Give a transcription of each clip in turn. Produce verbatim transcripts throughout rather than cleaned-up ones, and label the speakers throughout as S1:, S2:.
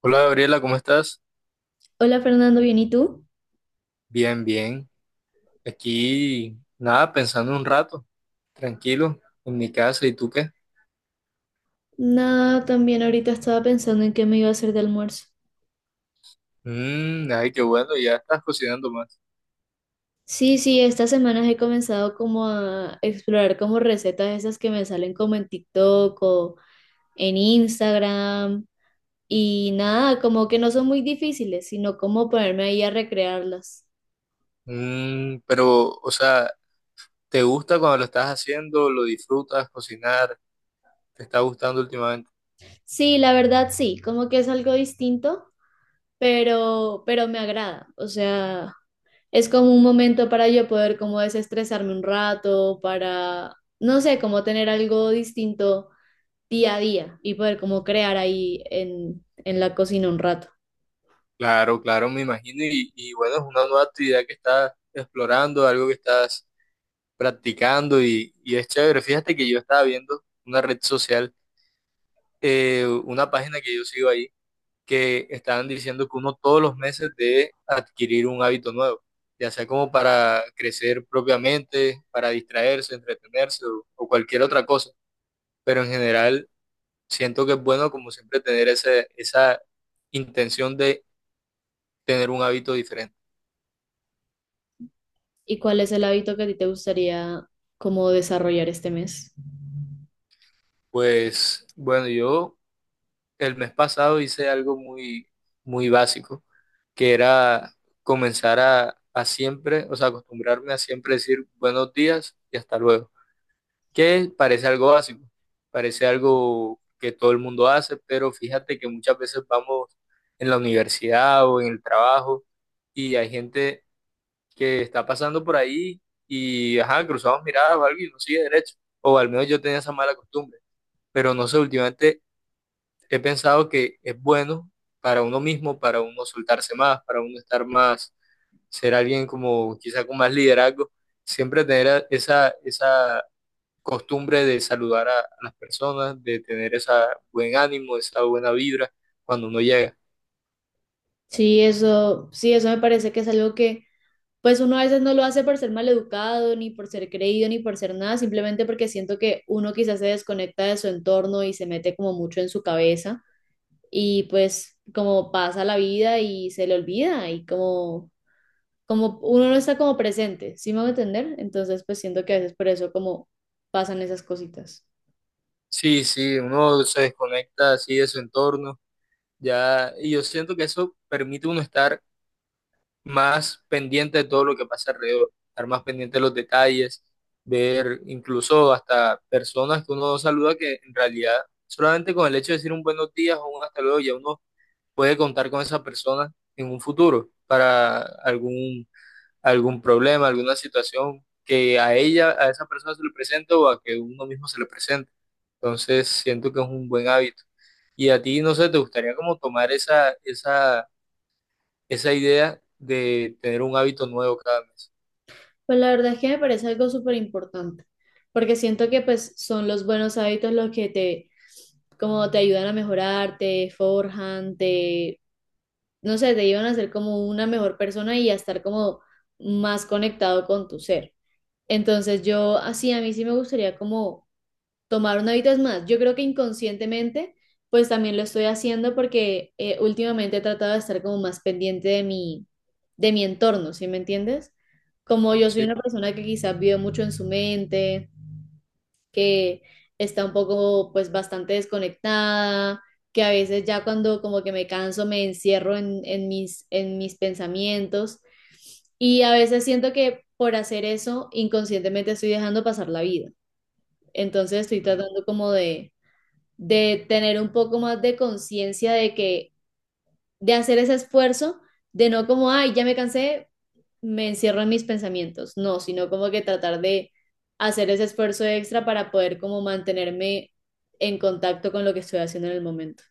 S1: Hola Gabriela, ¿cómo estás?
S2: Hola Fernando, ¿bien y tú?
S1: Bien, bien. Aquí, nada, pensando un rato, tranquilo, en mi casa. ¿Y tú qué?
S2: Nada, también ahorita estaba pensando en qué me iba a hacer de almuerzo.
S1: Mm, ay, qué bueno, ya estás cocinando más.
S2: Sí, sí, estas semanas he comenzado como a explorar como recetas esas que me salen como en TikTok o en Instagram y nada, como que no son muy difíciles, sino como ponerme ahí a recrearlas.
S1: Mm, pero, o sea, ¿te gusta cuando lo estás haciendo? ¿Lo disfrutas cocinar? ¿Te está gustando últimamente?
S2: Sí, la verdad sí, como que es algo distinto, pero pero me agrada, o sea, es como un momento para yo poder como desestresarme un rato, para, no sé, como tener algo distinto día a día y poder como crear ahí en, en la cocina un rato.
S1: Claro, claro, me imagino. Y, y bueno, es una nueva actividad que estás explorando, algo que estás practicando y, y es chévere. Fíjate que yo estaba viendo una red social, eh, una página que yo sigo ahí que están diciendo que uno todos los meses debe adquirir un hábito nuevo, ya sea como para crecer propiamente, para distraerse, entretenerse o, o cualquier otra cosa. Pero en general siento que es bueno como siempre tener ese, esa intención de tener un hábito diferente.
S2: ¿Y cuál es el hábito que a ti te gustaría como desarrollar este mes?
S1: Pues bueno, yo el mes pasado hice algo muy, muy básico, que era comenzar a, a siempre, o sea, acostumbrarme a siempre decir buenos días y hasta luego, que parece algo básico, parece algo que todo el mundo hace, pero fíjate que muchas veces vamos en la universidad o en el trabajo y hay gente que está pasando por ahí y, ajá, cruzamos miradas o algo y no sigue derecho, o al menos yo tenía esa mala costumbre, pero no sé, últimamente he pensado que es bueno para uno mismo, para uno soltarse más, para uno estar más, ser alguien como quizá con más liderazgo, siempre tener esa, esa costumbre de saludar a, a las personas, de tener esa buen ánimo, esa buena vibra cuando uno llega.
S2: Sí, eso, sí, eso me parece que es algo que pues uno a veces no lo hace por ser maleducado, ni por ser creído, ni por ser nada, simplemente porque siento que uno quizás se desconecta de su entorno y se mete como mucho en su cabeza y pues como pasa la vida y se le olvida y como, como uno no está como presente, ¿sí me voy a entender? Entonces pues siento que a veces por eso como pasan esas cositas.
S1: Sí, sí, uno se desconecta así de su entorno, ya, y yo siento que eso permite uno estar más pendiente de todo lo que pasa alrededor, estar más pendiente de los detalles, ver incluso hasta personas que uno no saluda que en realidad solamente con el hecho de decir un buenos días o un hasta luego ya uno puede contar con esa persona en un futuro para algún algún problema, alguna situación que a ella, a esa persona se le presente o a que uno mismo se le presente. Entonces siento que es un buen hábito. Y a ti, no sé, ¿te gustaría como tomar esa, esa, esa idea de tener un hábito nuevo cada mes?
S2: Pues la verdad es que me parece algo súper importante, porque siento que pues son los buenos hábitos los que te, como te ayudan a mejorar, te forjan, te, no sé, te ayudan a ser como una mejor persona y a estar como más conectado con tu ser. Entonces yo así, a mí sí me gustaría como tomar un hábito más. Yo creo que inconscientemente, pues también lo estoy haciendo porque eh, últimamente he tratado de estar como más pendiente de mi, de mi entorno, ¿sí me entiendes? Como yo soy una
S1: Sí.
S2: persona que quizás vive mucho en su mente, que está un poco, pues bastante desconectada, que a veces ya cuando como que me canso me encierro en, en mis, en mis pensamientos y a veces siento que por hacer eso inconscientemente estoy dejando pasar la vida. Entonces estoy
S1: Mm.
S2: tratando como de, de tener un poco más de conciencia de que, de hacer ese esfuerzo, de no como, ay, ya me cansé, me encierro en mis pensamientos, no, sino como que tratar de hacer ese esfuerzo extra para poder como mantenerme en contacto con lo que estoy haciendo en el momento.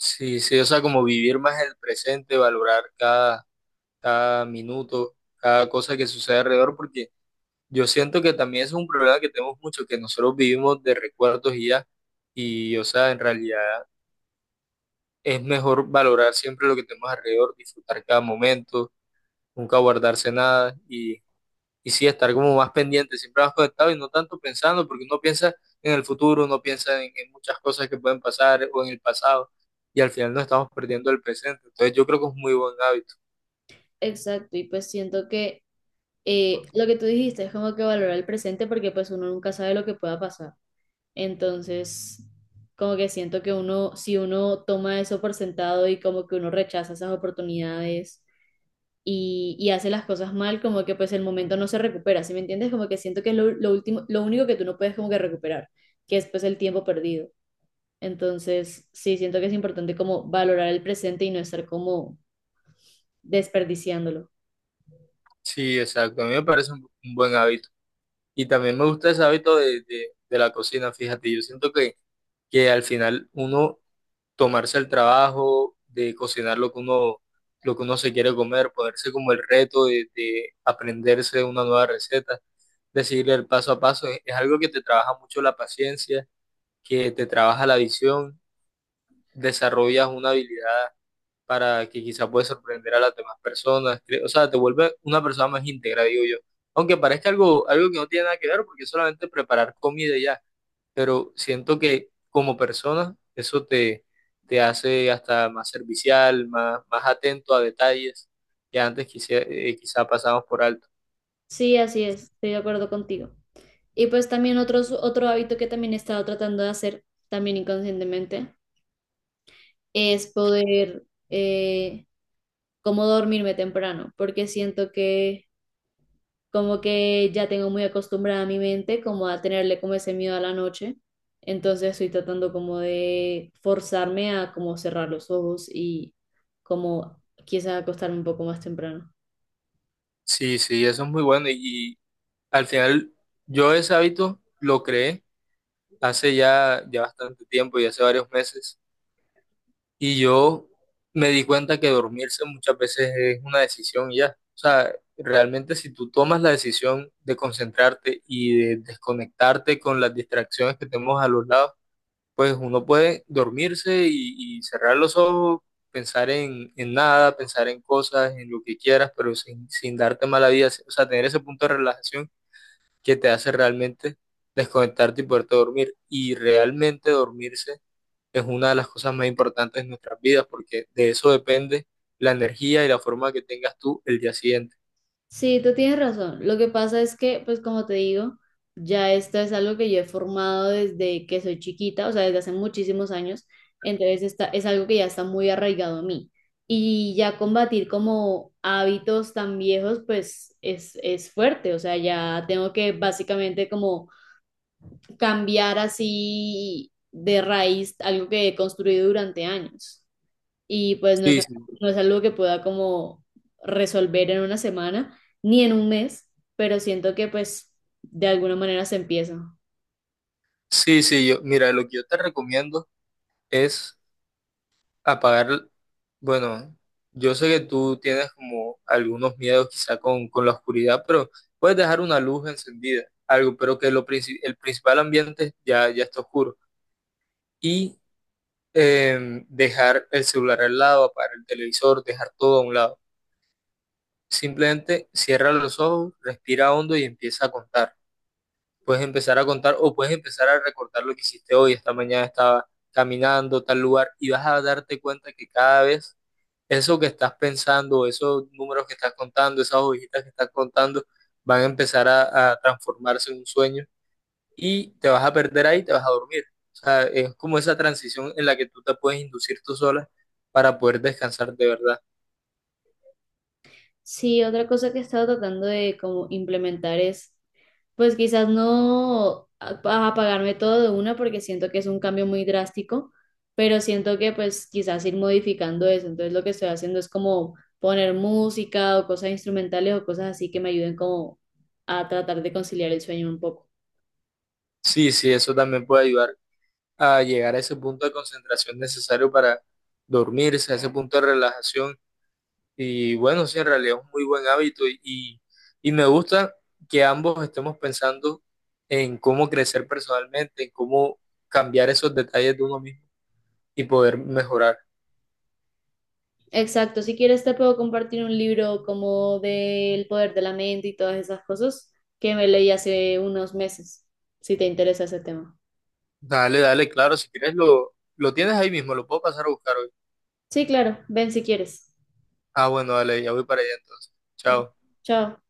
S1: Sí, sí, o sea, como vivir más el presente, valorar cada, cada minuto, cada cosa que sucede alrededor, porque yo siento que también es un problema que tenemos mucho, que nosotros vivimos de recuerdos y ya, y o sea, en realidad es mejor valorar siempre lo que tenemos alrededor, disfrutar cada momento, nunca guardarse nada y, y sí, estar como más pendiente, siempre más conectado y no tanto pensando, porque uno piensa en el futuro, uno piensa en, en muchas cosas que pueden pasar o en el pasado y al final nos estamos perdiendo el presente. Entonces yo creo que es un muy buen hábito.
S2: Exacto, y pues siento que eh, lo que tú dijiste es como que valorar el presente porque pues uno nunca sabe lo que pueda pasar. Entonces, como que siento que uno, si uno toma eso por sentado y como que uno rechaza esas oportunidades y, y hace las cosas mal, como que pues el momento no se recupera, ¿sí me entiendes? Como que siento que es lo, lo último, lo único que tú no puedes como que recuperar, que es pues el tiempo perdido. Entonces, sí, siento que es importante como valorar el presente y no estar como desperdiciándolo.
S1: Sí, exacto, a mí me parece un, un buen hábito. Y también me gusta ese hábito de, de, de la cocina, fíjate, yo siento que, que al final uno tomarse el trabajo de cocinar lo que uno, lo que uno se quiere comer, ponerse como el reto de, de aprenderse una nueva receta, de seguir el paso a paso, es, es algo que te trabaja mucho la paciencia, que te trabaja la visión, desarrollas una habilidad para que quizá puedes sorprender a las demás personas, cre- o sea, te vuelve una persona más íntegra, digo yo. Aunque parezca algo, algo que no tiene nada que ver, porque es solamente preparar comida y ya, pero siento que como persona eso te, te hace hasta más servicial, más, más atento a detalles que antes quizá, eh, quizá pasamos por alto.
S2: Sí, así es, estoy de acuerdo contigo. Y pues también otros, otro hábito que también he estado tratando de hacer, también inconscientemente, es poder eh, como dormirme temprano, porque siento que como que ya tengo muy acostumbrada mi mente como a tenerle como ese miedo a la noche, entonces estoy tratando como de forzarme a como cerrar los ojos y como quizás acostarme un poco más temprano.
S1: Sí, sí, eso es muy bueno y, y al final yo ese hábito lo creé hace ya, ya bastante tiempo y hace varios meses y yo me di cuenta que dormirse muchas veces es una decisión y ya. O sea, realmente si tú tomas la decisión de concentrarte y de desconectarte con las distracciones que tenemos a los lados, pues uno puede dormirse y, y cerrar los ojos, pensar en, en nada, pensar en cosas, en lo que quieras, pero sin, sin darte mala vida, o sea, tener ese punto de relajación que te hace realmente desconectarte y poderte dormir. Y realmente dormirse es una de las cosas más importantes en nuestras vidas, porque de eso depende la energía y la forma que tengas tú el día siguiente.
S2: Sí, tú tienes razón. Lo que pasa es que, pues como te digo, ya esto es algo que yo he formado desde que soy chiquita, o sea, desde hace muchísimos años. Entonces está, es algo que ya está muy arraigado a mí. Y ya combatir como hábitos tan viejos, pues es, es fuerte. O sea, ya tengo que básicamente como cambiar así de raíz algo que he construido durante años y pues no es,
S1: Sí, sí,
S2: no es algo que pueda como resolver en una semana ni en un mes, pero siento que pues de alguna manera se empieza.
S1: sí, sí, yo, mira, lo que yo te recomiendo es apagar. Bueno, yo sé que tú tienes como algunos miedos quizá con, con la oscuridad, pero puedes dejar una luz encendida, algo, pero que lo princi- el principal ambiente ya, ya está oscuro. Y em, dejar el celular al lado, apagar el televisor, dejar todo a un lado. Simplemente cierra los ojos, respira hondo y empieza a contar. Puedes empezar a contar o puedes empezar a recordar lo que hiciste hoy. Esta mañana estaba caminando tal lugar y vas a darte cuenta que cada vez eso que estás pensando, esos números que estás contando, esas hojitas que estás contando, van a empezar a, a transformarse en un sueño y te vas a perder ahí, te vas a dormir. O sea, es como esa transición en la que tú te puedes inducir tú sola para poder descansar de verdad.
S2: Sí, otra cosa que he estado tratando de como implementar es pues quizás no a- apagarme todo de una porque siento que es un cambio muy drástico, pero siento que pues quizás ir modificando eso. Entonces lo que estoy haciendo es como poner música o cosas instrumentales o cosas así que me ayuden como a tratar de conciliar el sueño un poco.
S1: Sí, sí, eso también puede ayudar a llegar a ese punto de concentración necesario para dormirse, a ese punto de relajación. Y bueno, sí, en realidad es un muy buen hábito y, y, y me gusta que ambos estemos pensando en cómo crecer personalmente, en cómo cambiar esos detalles de uno mismo y poder mejorar.
S2: Exacto, si quieres te puedo compartir un libro como del poder de la mente y todas esas cosas que me leí hace unos meses, si te interesa ese tema.
S1: Dale, dale, claro, si quieres lo, lo tienes ahí mismo, lo puedo pasar a buscar hoy.
S2: Sí, claro, ven si quieres.
S1: Ah, bueno, dale, ya voy para allá entonces.
S2: Bueno,
S1: Chao.
S2: chao.